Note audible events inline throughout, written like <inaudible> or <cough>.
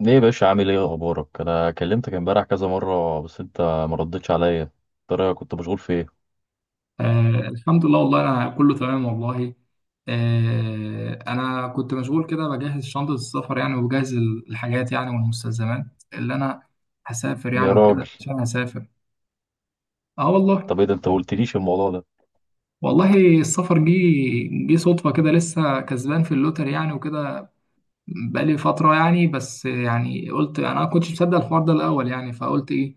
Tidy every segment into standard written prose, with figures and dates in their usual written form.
ليه يا باشا، عامل ايه؟ اخبارك؟ انا كلمتك امبارح كذا مره بس انت ما ردتش عليا. ترى كنت مشغول في ايه؟ آه، الحمد لله والله أنا كله تمام والله. آه، أنا كنت مشغول كده بجهز شنطة السفر يعني، وبجهز الحاجات يعني والمستلزمات اللي أنا هسافر يعني يا راجل، وكده، عشان هسافر. أه والله. طب ايه ده؟ انت ما قلتليش الموضوع ده. والله السفر جه صدفة كده، لسه كسبان في اللوتري يعني وكده، بقالي فترة يعني، بس يعني قلت أنا ما كنتش مصدق الحوار ده الأول يعني، فقلت إيه،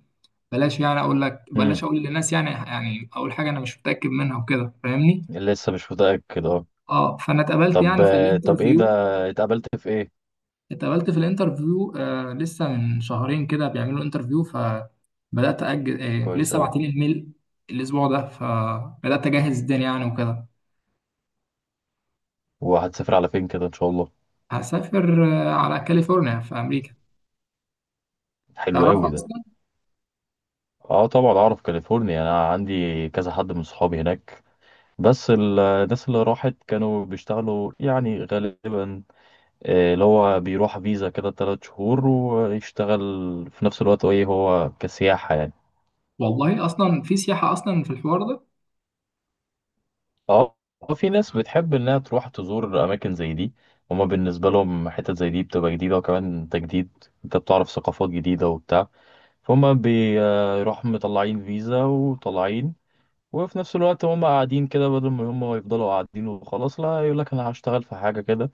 بلاش، يعني أقول لك بلاش امم. أقول للناس، يعني أول حاجة أنا مش متأكد منها وكده، فاهمني. لسه مش متاكد؟ اه. اه، فانا اتقابلت طب. يعني في طب ايه ده؟ الانترفيو. اتقابلت في ايه؟ اتقابلت في الانترفيو، آه، لسه من شهرين كده بيعملوا انترفيو، فبدات اجل، آه، كويس لسه اوي. باعتين الميل الاسبوع ده، فبدات اجهز الدنيا يعني وكده. وهتسافر على فين كده ان شاء الله؟ هسافر آه على كاليفورنيا في امريكا. حلو تعرف اوي ده. اصلا؟ اه طبعا اعرف كاليفورنيا، انا عندي كذا حد من صحابي هناك. بس الناس اللي راحت كانوا بيشتغلوا يعني غالبا. آه، اللي هو بيروح فيزا كده 3 شهور ويشتغل في نفس الوقت، ايه هو كسياحة يعني. والله اصلا في سياحه اصلا في الحوار ده. اه. في ناس بتحب انها تروح تزور اماكن زي دي. هما بالنسبة لهم حتت زي دي بتبقى جديدة، وكمان تجديد، انت بتعرف ثقافات جديدة وبتاع. فهم بيروحوا مطلعين فيزا وطالعين، وفي نفس الوقت هم قاعدين كده. بدل ما هم يفضلوا قاعدين وخلاص لا، يقول لك انا هشتغل في حاجة كده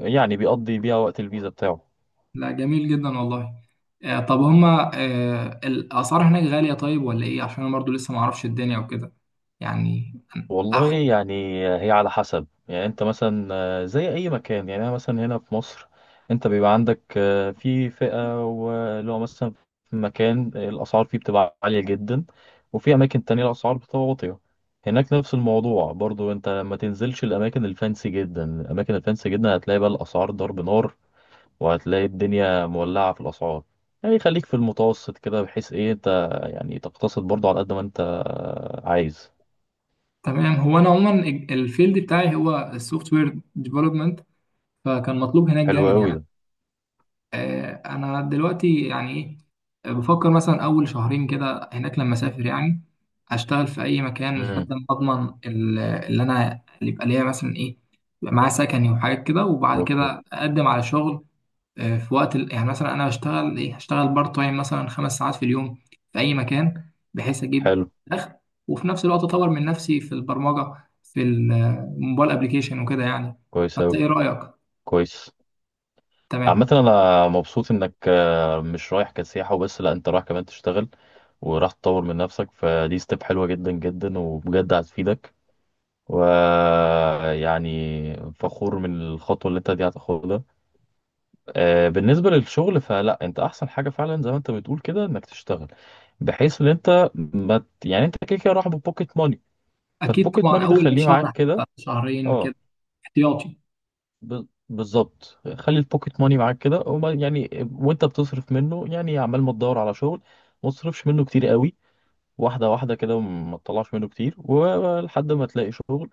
يعني، بيقضي بيها وقت الفيزا بتاعه. لا، جميل جدا والله. آه، طب هما، آه، الاسعار هناك غاليه طيب ولا ايه؟ عشان انا برضو لسه ما اعرفش الدنيا وكده يعني. والله هاخد. يعني هي على حسب، يعني انت مثلا آه، زي اي مكان. يعني انا مثلا هنا في مصر انت بيبقى عندك آه، في فئة واللي هو مثلا في مكان الاسعار فيه بتبقى عالية جدا، وفي اماكن تانية الاسعار بتبقى واطية. هناك نفس الموضوع برضو. انت ما تنزلش الاماكن الفانسي جدا، الاماكن الفانسي جدا هتلاقي بقى الاسعار ضرب نار، وهتلاقي الدنيا مولعة في الاسعار. يعني خليك في المتوسط كده، بحيث ايه انت يعني تقتصد برضو على قد ما انت عايز. تمام، هو انا عموما الفيلد بتاعي هو السوفت وير ديفلوبمنت، فكان مطلوب هناك حلو جامد قوي يعني. ده. آه، انا دلوقتي يعني ايه، بفكر مثلا اول شهرين كده هناك لما اسافر يعني، اشتغل في اي مكان لحد مم. ما اضمن اللي يبقى ليا مثلا ايه، يبقى معايا سكني وحاجات كده، وبعد اوكي. كده اقدم على شغل. آه، في وقت يعني مثلا انا هشتغل بارت تايم مثلا 5 ساعات في اليوم، في اي مكان بحيث اجيب حلو. دخل، وفي نفس الوقت اطور من نفسي في البرمجه في الموبايل ابلكيشن وكده يعني. كويس فانت اوي. ايه رايك؟ كويس. عامة تمام، انا مبسوط انك آه، مش رايح كسياحة وبس، لا انت رايح كمان تشتغل وراح تطور من نفسك، فدي ستيب حلوة جدا جدا وبجد هتفيدك، ويعني فخور من الخطوة اللي انت دي هتاخدها. آه، بالنسبة للشغل فلا، انت احسن حاجة فعلا زي ما انت بتقول كده انك تشتغل، بحيث ان انت ما ت- يعني انت كده كده رايح ببوكيت ماني. اكيد فالبوكيت طبعا، ماني ده اول خليه شهر معاك كده. حتى شهرين اه. كده احتياطي. بالظبط. خلي البوكيت ماني معاك كده، يعني وانت بتصرف منه، يعني عمال ما تدور على شغل ما تصرفش منه كتير قوي. واحده واحده كده، ما تطلعش منه كتير ولحد ما تلاقي شغل،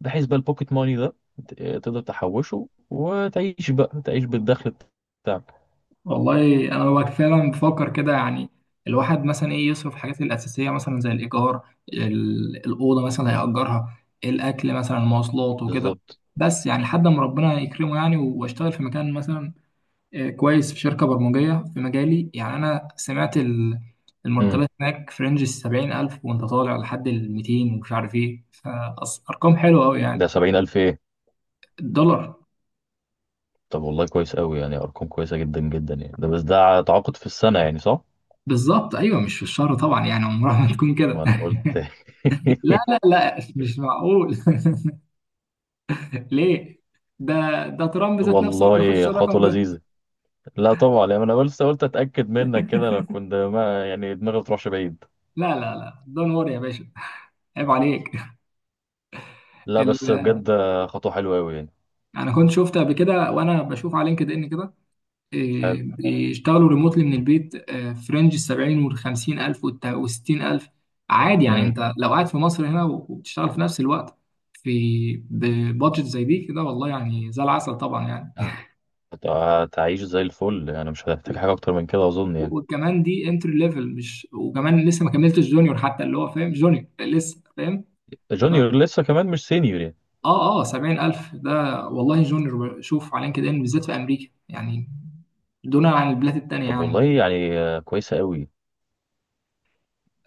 بحيث بقى البوكيت ماني ده ت- تقدر تحوشه وتعيش، بقى تعيش بالدخل بتاعك. والله انا ببقى فعلا بفكر كده يعني، الواحد مثلا ايه يصرف الحاجات الاساسيه مثلا، زي الايجار، الاوضه مثلا هيأجرها، الاكل مثلا، المواصلات وكده، بالظبط. بس يعني لحد ما ربنا يكرمه يعني واشتغل في مكان مثلا، آه، كويس، في شركه برمجيه في مجالي يعني. انا سمعت امم. المرتبات هناك في رينج ال 70 الف، وانت طالع لحد ال 200 ومش عارف ايه، فارقام حلوه قوي ده يعني. 70,000 ايه؟ الدولار. طب والله كويس قوي، يعني أرقام كويسة جدا جدا. يعني ده بس ده تعاقد في السنة يعني، صح؟ بالظبط، ايوه، مش في الشهر طبعا يعني، عمرها ما تكون كده. وأنا قلت. لا <laughs> لا لا، مش معقول. <laughs> ليه؟ ده ده ترامب ذات نفسه ما بياخدش والله الرقم خطوة ده. لذيذة. لا طبعا، يعني انا لسه قلت اتاكد منك كده، لو <laughs> كنت ما، يعني دماغي ما تروحش بعيد. لا لا لا، دون وري يا باشا، عيب عليك. لا ال... بس بجد، خطوه حلوه قوي يعني. انا كنت شفت قبل كده، وانا بشوف على لينكد ان كده، حلو. إيه، بيشتغلوا ريموتلي من البيت، آه، في رينج ال 70 وال 50 الف وال 60 الف، عادي يعني. امم. انت لو قاعد في مصر هنا وبتشتغل في نفس الوقت في بادجت زي دي كده، والله يعني زي العسل طبعا يعني. هتعيش زي الفل يعني، مش هتحتاج حاجه اكتر من كده اظن يعني. وكمان دي انتري ليفل، مش، وكمان لسه ما كملتش جونيور حتى، اللي هو فاهم جونيور لسه فاهم. ف- جونيور لسه كمان، مش سينيور يعني. اه اه، 70,000 ده. والله جونيور، شوف على لينكد ان بالذات في امريكا يعني، دون عن البلاد التانية طب يعني. والله يعني آه، كويسه قوي.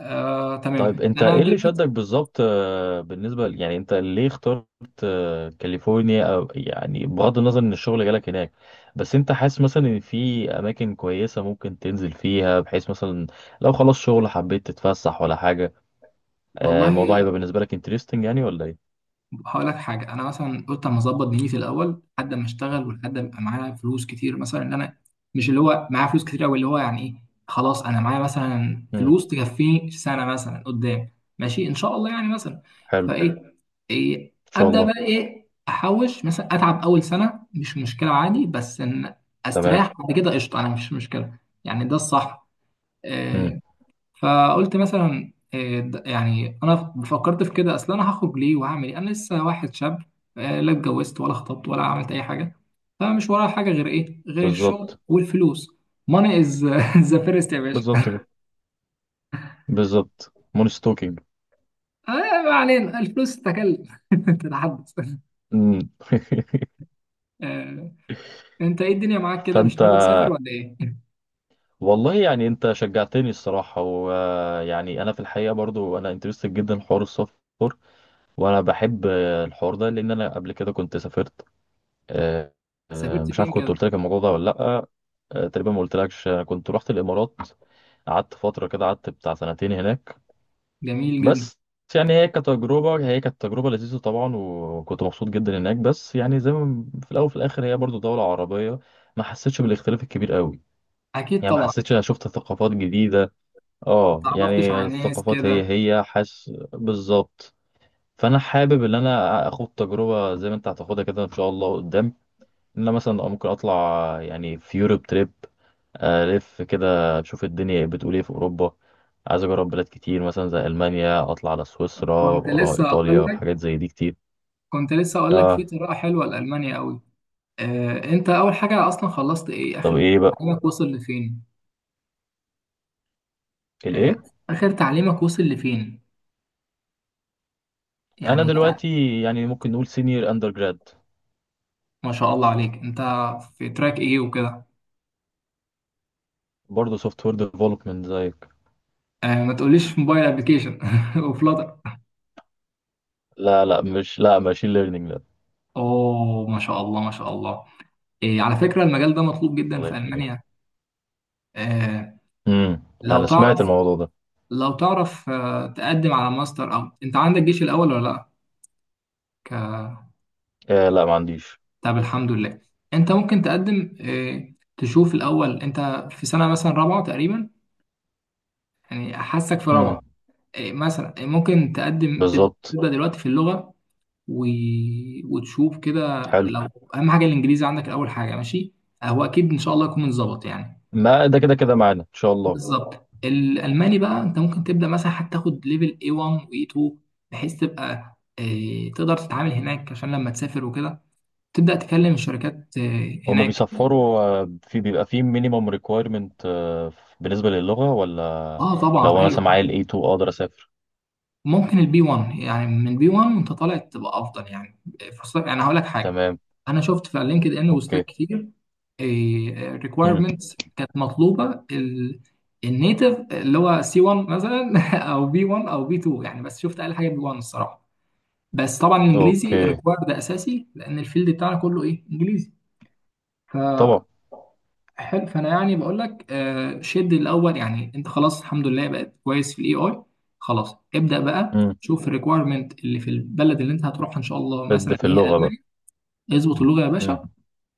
آه، طيب تمام، انت انا ايه اللي دلوقتي. شدك بالظبط آه، يعني انت ليه اخترت آه، كاليفورنيا؟ او يعني بغض النظر ان الشغل جالك هناك، بس انت حاسس مثلا ان في اماكن كويسه ممكن تنزل فيها، بحيث مثلا لو خلاص شغل حبيت تتفسح ولا حاجه. آه، الموضوع والله يبقى بالنسبه لك انترستنج يعني ولا ايه؟ هقول لك حاجه، انا مثلا قلت اما اظبط دنيتي الاول لحد ما اشتغل، ولحد ما يبقى معايا فلوس كتير، مثلا، ان انا مش اللي هو معايا فلوس كتير قوي، اللي هو يعني ايه، خلاص انا معايا مثلا امم. فلوس تكفيني سنه مثلا قدام، ماشي، ان شاء الله يعني مثلا، حلو. فايه، إيه ان شاء ابدا الله. بقى ايه، احوش مثلا، اتعب اول سنه مش مشكله عادي، بس ان تمام. استريح بعد كده قشطه، انا مش مشكله يعني، ده الصح. امم. آه، فقلت مثلا إيه يعني انا فكرت في كده، اصل انا هخرج ليه وهعمل ايه؟ انا لسه واحد شاب، آه، لا اتجوزت ولا خطبت ولا عملت اي حاجه، فمش ورايا حاجه غير ايه، غير الشغل بالظبط. والفلوس. Money is <laughs> the first يا باشا. بالظبط كده. بالظبط مونستوكينج. آه، ما علينا، الفلوس تتكلم، <laughs> تتحدث. امم. آه، انت ايه، الدنيا معاك <laughs> كده، مش فانت، ناوي تسافر ولا ايه؟ <laughs> والله يعني انت شجعتني الصراحة، ويعني انا في الحقيقة برضو انا انترستد جدا في حوار السفر. وانا بحب آه، الحوار ده لان انا قبل كده كنت سافرت. آه، سافرت مش عارف فين كنت كده؟ قلت لك الموضوع ده ولا لا. آه، تقريبا ما قلتلكش. انا كنت رحت الامارات، قعدت فترة كده، قعدت بتاع سنتين هناك جميل جدا. بس. يعني هي كتجربة، هي كانت تجربة لذيذة طبعا، وكنت مبسوط جدا هناك، بس يعني زي ما في الاول وفي الاخر هي برضو دولة عربية، ما حسيتش بالاختلاف الكبير قوي اكيد يعني. ما طبعا. حسيتش انا شفت ثقافات جديدة، ما اه تعرفتش يعني على ناس الثقافات هي كده. هي، حاسس بالظبط. فانا حابب ان انا اخد تجربه زي ما انت هتاخدها كده ان شاء الله قدام، ان انا مثلا ممكن اطلع يعني في يوروب تريب. الف كده اشوف الدنيا، إيه، بتقول ايه في اوروبا. عايز اجرب بلاد كتير، مثلا زي المانيا، اطلع على سويسرا كنت وراها لسه ايطاليا اقول لك وحاجات زي دي كتير. كنت لسه اقول لك في اه. طريقه حلوه لالمانيا قوي. آه، انت اول حاجة اصلا خلصت ايه، طب اخر ايه بقى؟ تعليمك وصل لفين؟ آه، الايه؟ اخر تعليمك وصل لفين انا يعني؟ دلوقتي يعني ممكن نقول سينيور اندر جراد. ما شاء الله عليك، انت في تراك ايه وكده؟ برضه سوفت وير ديفلوبمنت زيك. آه، ما تقوليش في موبايل ابلكيشن <laughs> وفلاتر. لا لا، مش لا ماشين ليرنينج لا. اوه، ما شاء الله ما شاء الله. إيه، على فكرة، المجال ده مطلوب جدا الله في يخليك. المانيا. آه، امم. لو انا سمعت تعرف الموضوع ده. تقدم على ماستر، او انت عندك جيش الاول ولا لا؟ ك- آه لا، ما عنديش. طب، الحمد لله. انت ممكن تقدم، آه، تشوف الاول، انت في سنة مثلا رابعة تقريبا يعني، حاسك في رابعة، امم. إيه مثلا إيه ممكن تقدم بالظبط. تبدأ دلوقتي في اللغة، و... وتشوف كده حلو. لو. أهم حاجة الإنجليزي عندك، أول حاجة، ماشي، هو أكيد إن شاء الله يكون متظبط يعني. ما ده كده كده معانا ان شاء الله. بالظبط، الألماني بقى أنت ممكن تبدأ مثلا، حتى تاخد ليفل A1 و A2، بحيث تبقى إيه، تقدر تتعامل هناك عشان لما تسافر وكده، تبدأ تكلم الشركات إيه هما هناك. بيصفروا آه، في بيبقى في مينيمم ريكويرمنت بالنسبه للغه ولا؟ آه طبعا، لو انا أيوه، مثلا معايا ال A2 اقدر اسافر؟ ممكن البي 1 يعني، من بي 1 وانت طالع تبقى افضل يعني فرصتك، يعني هقول لك حاجه، تمام. انا شفت في لينكد ان بوستات اوكي. كتير، امم. ريكويرمنتس كانت مطلوبه، النيتف اللي هو سي 1 مثلا، <laughs> او بي 1 او بي 2 يعني، بس شفت اقل حاجه بي 1 الصراحه، بس طبعا الانجليزي اوكي. ريكوايرد ده اساسي، لان الفيلد بتاعنا كله ايه، انجليزي. ف طبعا. حلو، فانا يعني بقول لك، آه، شد الاول يعني، انت خلاص الحمد لله بقت كويس في الاي اي، خلاص ابدا بقى، امم. شوف الريكويرمنت اللي في البلد اللي انت هتروحها ان شاء الله، بد مثلا في اللي هي اللغه المانيا، بقى. اظبط اللغه يا امم. باشا،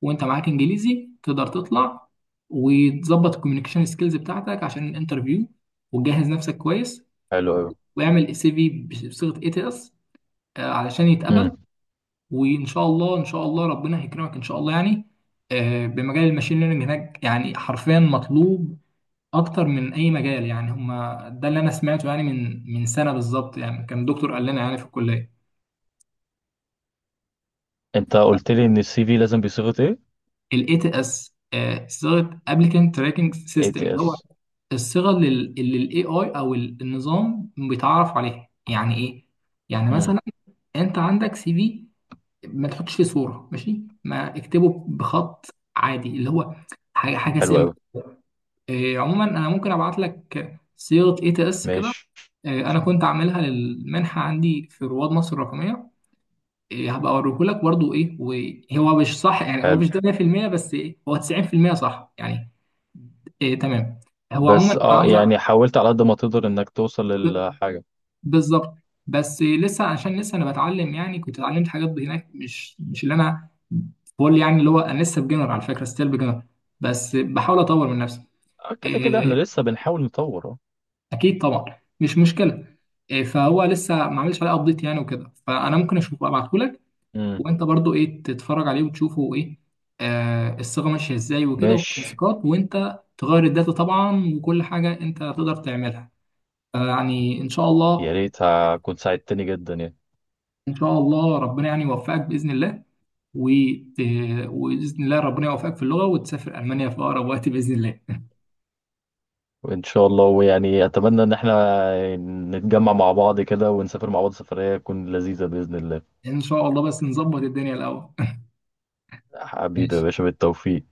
وانت معاك انجليزي تقدر تطلع، وتظبط الكوميونيكيشن سكيلز بتاعتك عشان الانترفيو، وتجهز نفسك كويس، حلو قوي. واعمل سي في بصيغه اي تي اس علشان يتقبل، امم. وان شاء الله ان شاء الله ربنا هيكرمك ان شاء الله يعني. آه، بمجال الماشين ليرنينج هناك يعني حرفيا مطلوب اكتر من اي مجال يعني، هما ده اللي انا سمعته يعني، من سنه بالظبط يعني، كان دكتور قال لنا يعني في الكليه. انت قلت لي ان السي في لازم بصيغه ايه؟ الاي تي اس، صيغه ابلكنت تراكنج سيستم، اللي هو ATS. الصيغه اللي الاي اي او النظام بيتعرف عليها، يعني ايه، يعني امم. مثلا، انت عندك سي في ما تحطش فيه صوره، ماشي، ما اكتبه بخط عادي، اللي هو حاجه حاجه. حلو قوي. إيه، عموما انا ممكن ابعت لك صيغه اي تي اس كده، ماشي. إيه، انا كنت عاملها للمنحه عندي في رواد مصر الرقميه، إيه، هبقى اوريه لك برضو ايه، وهو مش صح يعني، هو حلو. مش ده 100%، بس إيه، هو 90% صح يعني. إيه تمام، هو بس عموما انا اه عاوز يعني حاولت على قد ما تقدر انك توصل للحاجة. بالظبط. بس إيه، لسه، عشان لسه انا بتعلم يعني، كنت اتعلمت حاجات هناك مش اللي انا بقول يعني، اللي هو انا لسه بجنر على فكره، ستيل بجنر، بس بحاول اطور من نفسي. آه، كده كده احنا إيه، لسه بنحاول نطور اه. اكيد طبعا، مش مشكله، إيه، فهو لسه ما عملش عليه ابديت يعني وكده، فانا ممكن اشوفه ابعته لك، امم. وانت برضو ايه تتفرج عليه وتشوفه ايه، آه، الصيغه ماشيه ازاي وكده، ماشي. والتنسيقات، وانت تغير الداتا طبعا، وكل حاجه انت تقدر تعملها يعني ان شاء يا الله. ريت، كنت ساعدتني جدا يعني. ان شاء الله ربنا يعني يوفقك باذن الله وت... وباذن الله ربنا يوفقك في اللغه، وتسافر المانيا في اقرب وقت باذن الله. وان شاء الله، ويعني اتمنى ان احنا نتجمع مع بعض كده ونسافر مع بعض سفرية تكون لذيذة بإذن الله. <laughs> ان شاء الله، بس نظبط الدنيا الاول. <laughs> حبيبي يا ماشي. باشا، بالتوفيق.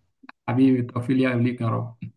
حبيبي، التوفيق ليك يا رب.